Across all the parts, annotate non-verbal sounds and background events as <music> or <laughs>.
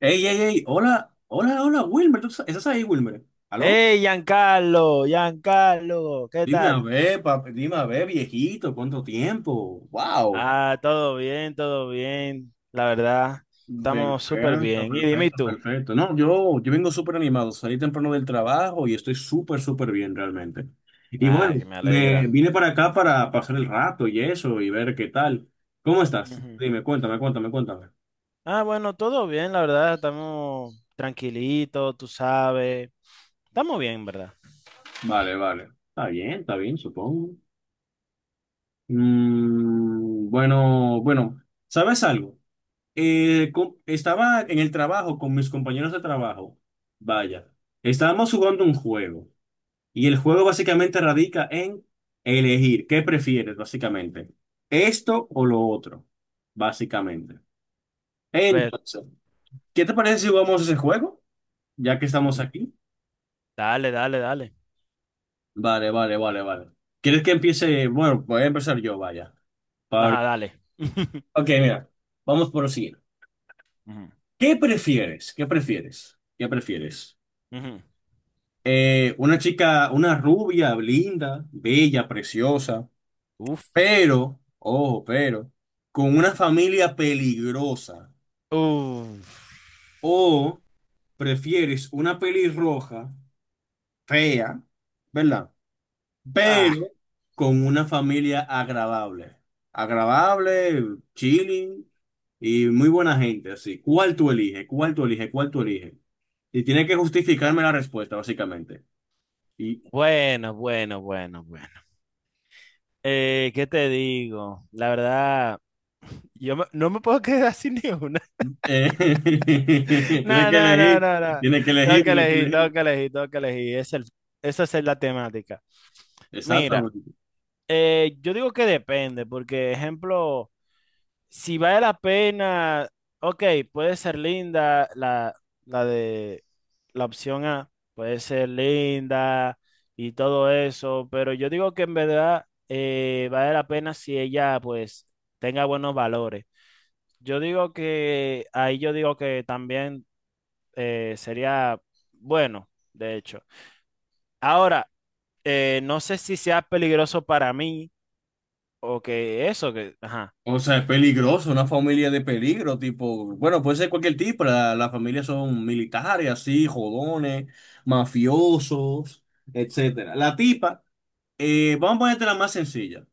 Ey, ey, ey, hola, hola, hola, Wilmer, ¿ estás ahí, Wilmer? ¿Aló? Hey, Giancarlo, Giancarlo, ¿qué Dime a tal? ver, papi, dime a ver, viejito, ¿cuánto tiempo? ¡Wow! Ah, todo bien, todo bien. La verdad, estamos súper Perfecto, bien. Y dime perfecto, tú. perfecto. No, yo vengo súper animado, salí temprano del trabajo y estoy súper, súper bien realmente. Y Ah, bueno, que me me alegra. vine para acá para pasar el rato y eso y ver qué tal. ¿Cómo estás? Ujú. Dime, cuéntame, cuéntame, cuéntame. Ah, bueno, todo bien, la verdad, estamos tranquilitos, tú sabes. Estamos bien, ¿verdad? Vale, vale. Está bien, supongo. Bueno, bueno, ¿sabes algo? Estaba en el trabajo con mis compañeros de trabajo. Vaya, estábamos jugando un juego y el juego básicamente radica en elegir qué prefieres, básicamente, esto o lo otro, básicamente. Pero, Entonces, ¿qué te parece si jugamos ese juego? Ya que estamos mm, aquí. dale, dale, dale. Vale, vale, vale, vale. ¿Quieres que empiece? Bueno, voy a empezar yo, vaya. Para- Ajá, dale. <laughs> Ok, mira, vamos por lo siguiente. Ujú, ¿Qué prefieres? ¿Qué prefieres? ¿Qué prefieres? ujú. Una chica, una rubia, linda, bella, preciosa, Uf. pero, ojo, pero, con una familia peligrosa. Uf. O prefieres una pelirroja, fea, ¿verdad? Ah, Pero con una familia agradable. Agradable, chilling y muy buena gente, así. ¿Cuál tú eliges? ¿Cuál tú eliges? ¿Cuál tú eliges? Y tiene que justificarme la respuesta, básicamente. y bueno, bueno, bueno, bueno. ¿Qué te digo? La verdad. No me puedo quedar <laughs> sin ni una. <laughs> Eh, <laughs> tienes No, que no, no, elegir, no, no. tienes que Tengo elegir, que tienes que elegir, tengo elegir. que elegir, tengo que elegir. Esa es la temática. Mira, Exactamente. Yo digo que depende, porque, ejemplo, si vale la pena, ok, puede ser linda la de la opción A, puede ser linda y todo eso, pero yo digo que en verdad vale la pena si ella, pues, tenga buenos valores. Yo digo que ahí yo digo que también sería bueno, de hecho. Ahora, no sé si sea peligroso para mí o que eso, que. Ajá. O sea, es peligroso, una familia de peligro, tipo, bueno, puede ser cualquier tipo, las familias son militares, así, jodones, mafiosos, etcétera. La tipa, vamos a ponerte la más sencilla.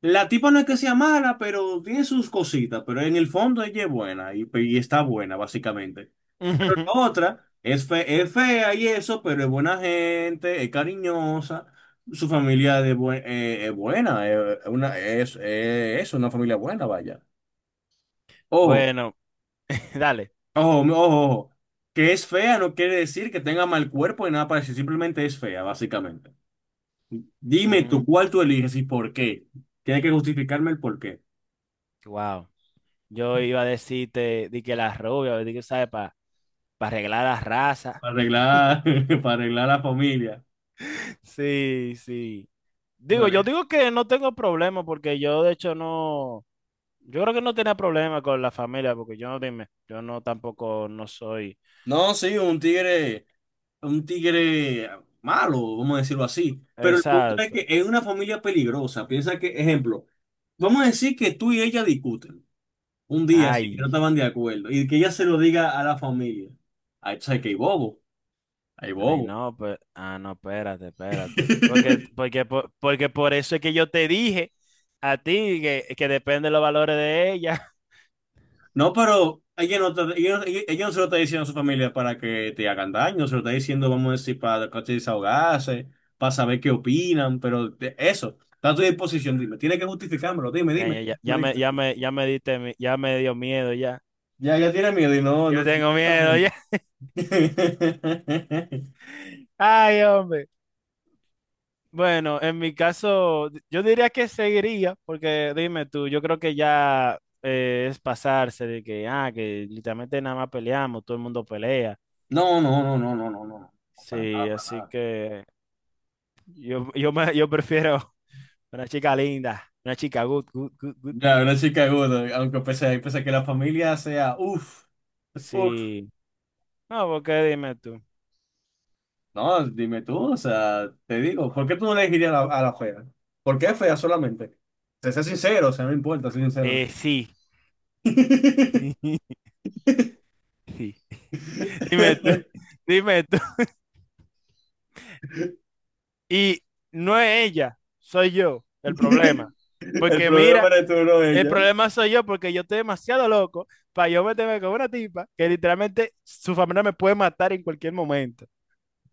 La tipa no es que sea mala, pero tiene sus cositas, pero en el fondo ella es buena y está buena, básicamente. <laughs> Otra es, es fea y eso, pero es buena gente, es cariñosa, su familia es buena, es una familia buena, vaya. Ojo, Bueno, <laughs> dale. ojo, ojo, ojo, que es fea no quiere decir que tenga mal cuerpo y nada parecido, simplemente es fea, básicamente. Dime tú cuál tú eliges y por qué. Tienes que justificarme el por qué. Wow. Yo iba a decirte di que las rubias di que sabe para arreglar las razas. Para arreglar, <laughs> para arreglar la familia. <laughs> Sí, sí. Digo, yo Vale. digo que no tengo problema porque yo de hecho no, yo creo que no tenía problema con la familia porque yo no dime, yo no tampoco no soy. No, sí, un tigre. Un tigre malo, vamos a decirlo así. Pero el punto es Exacto. que es una familia peligrosa. Piensa que, ejemplo, vamos a decir que tú y ella discuten un día así, que no Ay, estaban de acuerdo, y que ella se lo diga a la familia. Ahí sabes que hay bobo, hay ay, bobo. no, pues, ah, no, espérate, espérate. Porque, <laughs> porque, por- porque por eso es que yo te dije a ti que depende de los valores de ella. <laughs> No, pero ella no se lo está diciendo a su familia para que te hagan daño, se lo está diciendo, vamos a decir, para que te desahogarse, para saber qué opinan, pero eso, está a tu disposición, dime, tiene que justificármelo, dime, Ya, dime, ya, ya, dime, ya me, dime. ya me, ya me diste, ya me dio miedo, ya. Ya, ya tiene miedo y no, no Ya se tengo están miedo, juntos. ya. <laughs> <laughs> Ay, hombre. Bueno, en mi caso, yo diría que seguiría, porque dime tú, yo creo que ya es pasarse de que, ah, que literalmente nada más peleamos, todo el mundo pelea. No, no, no, no, no, no, no, no, para Sí, nada, para así nada. que. Yo prefiero una chica linda, una chica good, good, good, good, Ya, good. una chica aguda, aunque pese, pese a que la familia sea, uff, uff. Sí. No, porque dime tú. No, dime tú, o sea, te digo, ¿por qué tú no le dirías a la fea? ¿Por qué fea solamente? Sé, sé sincero, o sea, no importa, sé sincero. Sí. <laughs> <laughs> Sí. Dime tú. Dime tú. Y no es ella, soy yo el problema. El Porque problema mira, eres tú, no el ella. problema soy yo porque yo estoy demasiado loco para yo meterme con una tipa que literalmente su familia me puede matar en cualquier momento.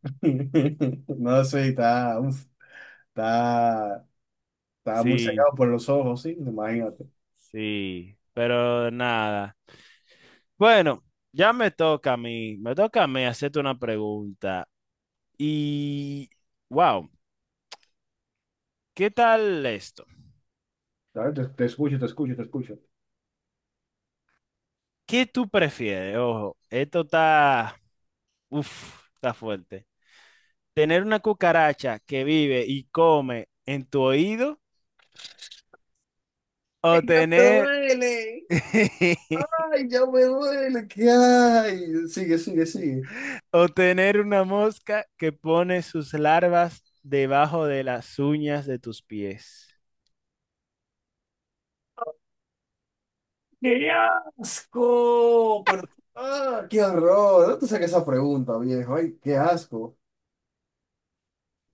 <laughs> No, sí, está, uff, está, está muy Sí. sacado por los ojos, sí, imagínate. Sí, pero nada. Bueno, ya me toca a mí, me toca a mí hacerte una pregunta. Y, wow, ¿qué tal esto? ¿Sabes? Te escucho, te escucho, te escucho. ¿Qué tú prefieres? Ojo, esto está, uf, está fuerte. ¿Tener una cucaracha que vive y come en tu oído Ay, o ya me tener, duele. <laughs> Ay, ya me duele. ¿Qué hay? Sigue, sigue, sigue. o tener una mosca que pone sus larvas debajo de las uñas de tus pies? ¡Qué asco! Pero, ah, qué horror. No te saques esa pregunta, viejo. Ay, qué asco.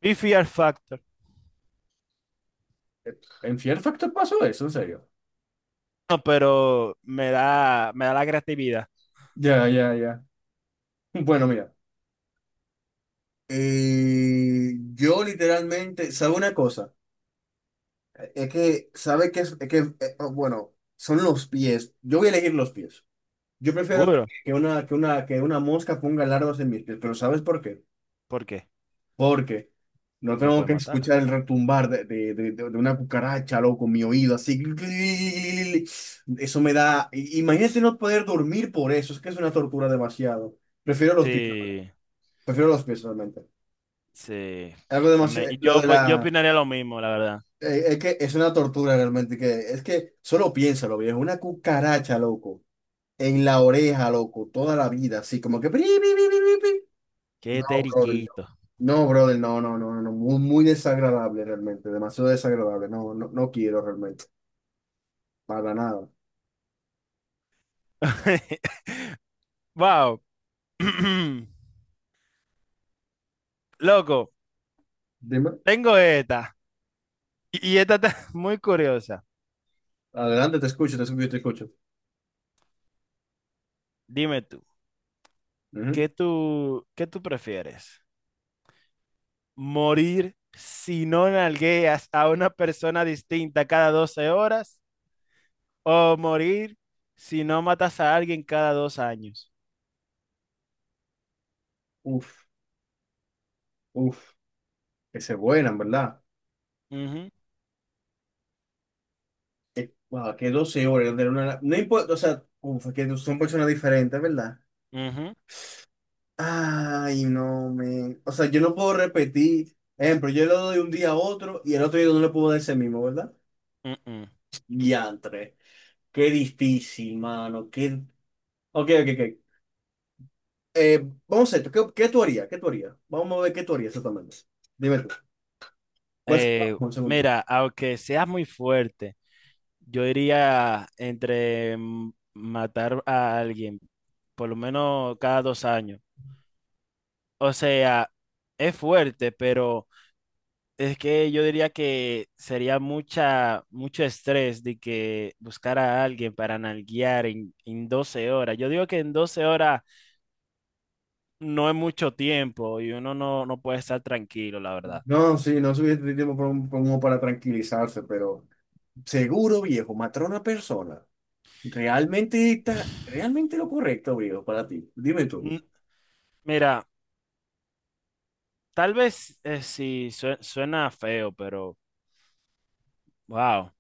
Be Fear Factor. ¿En Fear Factor pasó eso? ¿En serio? No, pero me da la creatividad. Ya, ya, ya. Bueno, mira. Yo literalmente, ¿sabe una cosa? Es que, ¿sabe que es? Es que, oh, bueno, son los pies. Yo voy a elegir los pies. Yo prefiero que, Seguro. que una mosca ponga lardos en mis pies, pero ¿sabes por qué? ¿Por qué? Porque no Uno tengo puede que matarla. escuchar el retumbar de una cucaracha, loco, en mi oído, así. Eso me da. Imagínate no poder dormir por eso, es que es una tortura demasiado. Prefiero los pies, Sí, prefiero los pies realmente. sí. Algo A mí- demasiado. y Lo yo, de yo la. opinaría lo mismo, la verdad. Es que es una tortura realmente, que es que solo piénsalo, viejo, una cucaracha, loco, en la oreja, loco, toda la vida, así como que. Qué No, brother, no. teriquito. No, brother, no, no, no, no, muy, muy desagradable realmente, demasiado desagradable, no, no, no quiero realmente, para nada. <laughs> Wow. <clears throat> Loco, Dime, tengo esta. Y esta está <laughs> muy curiosa. adelante, te escucho, te escucho, te escucho. Dime tú, Ujú. ¿Qué tú prefieres? ¿Morir si no nalgueas a una persona distinta cada 12 horas? ¿O morir si no matas a alguien cada dos años? Uf, uf, que se vuelan, ¿verdad? Ujú, Wow, que 12 horas, de una, no importa, o sea, uf, que no son personas diferentes, ¿verdad? ujú, Ay, no, me, o sea, yo no puedo repetir, ejemplo, yo le doy un día a otro y el otro día no le puedo dar ese mismo, ¿verdad? ujú. Diantre, qué difícil, mano, qué... Ok, ok, ok. Vamos a esto. ¿Qué tú harías? ¿Qué tú harías? Vamos a ver qué tú harías exactamente. Dime tú. ¿Cuál será la Eh, mejor según tú? Mira, aunque seas muy fuerte, yo iría entre matar a alguien, por lo menos cada dos años. O sea, es fuerte, pero es que yo diría que sería mucho estrés de que buscar a alguien para nalguear en 12 horas. Yo digo que en 12 horas no, es mucho tiempo y uno no puede estar tranquilo, la verdad. No, sí, no suficiente tiempo para, como para tranquilizarse, pero seguro, viejo, matar a una persona. Realmente está, realmente <sighs> lo correcto, viejo, para ti. Dime tú. N- Mira, tal vez sí suena feo, pero wow.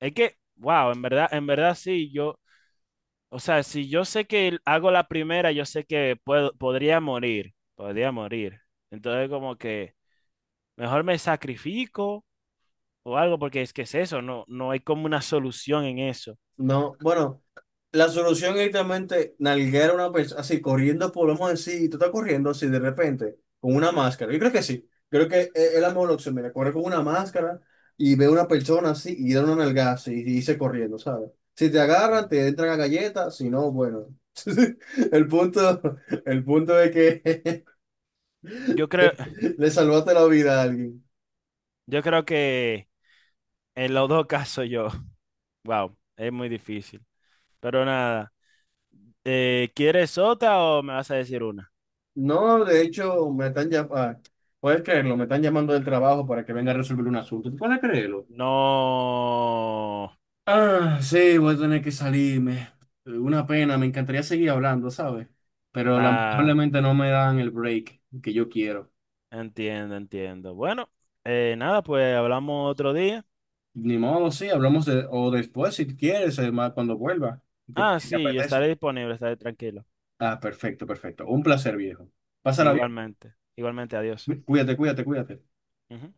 Es que, wow, en verdad sí, yo, o sea, si yo sé que hago la primera, yo sé que puedo, podría morir, podría morir. Entonces como que mejor me sacrifico o algo, porque es que es eso, no hay como una solución en eso. No, bueno. La solución es directamente nalguear a una persona, así corriendo, podemos decir, tú estás corriendo así de repente, con una máscara. Yo creo que sí, creo que es la mejor opción. Mira, correr con una máscara y ve a una persona así y da una nalgada así y dice corriendo, ¿sabes? Si te agarran, Ujú. te entran a galletas, si no, bueno. <laughs> El punto, el punto es que Yo creo, <laughs> le salvaste la vida a alguien. yo creo que en los dos casos yo, <laughs> wow, es muy difícil. Pero nada, ¿quieres otra o me vas a decir una? No, de hecho, me están llamando, puedes creerlo, me están llamando del trabajo para que venga a resolver un asunto. ¿Tú puedes creerlo? No, Ah, sí, voy a tener que salirme. Una pena, me encantaría seguir hablando, ¿sabes? Pero nada, lamentablemente no me dan el break que yo quiero. entiendo, entiendo. Bueno, nada, pues hablamos otro día. Ni modo, sí, hablamos de, o después si quieres, además, cuando vuelva, si te, Ah, si te sí, yo estaré apetece. disponible, estaré tranquilo. Ah, perfecto, perfecto. Un placer, viejo. Pásala Igualmente, igualmente, adiós. bien. Cuídate, cuídate, cuídate. Ujú.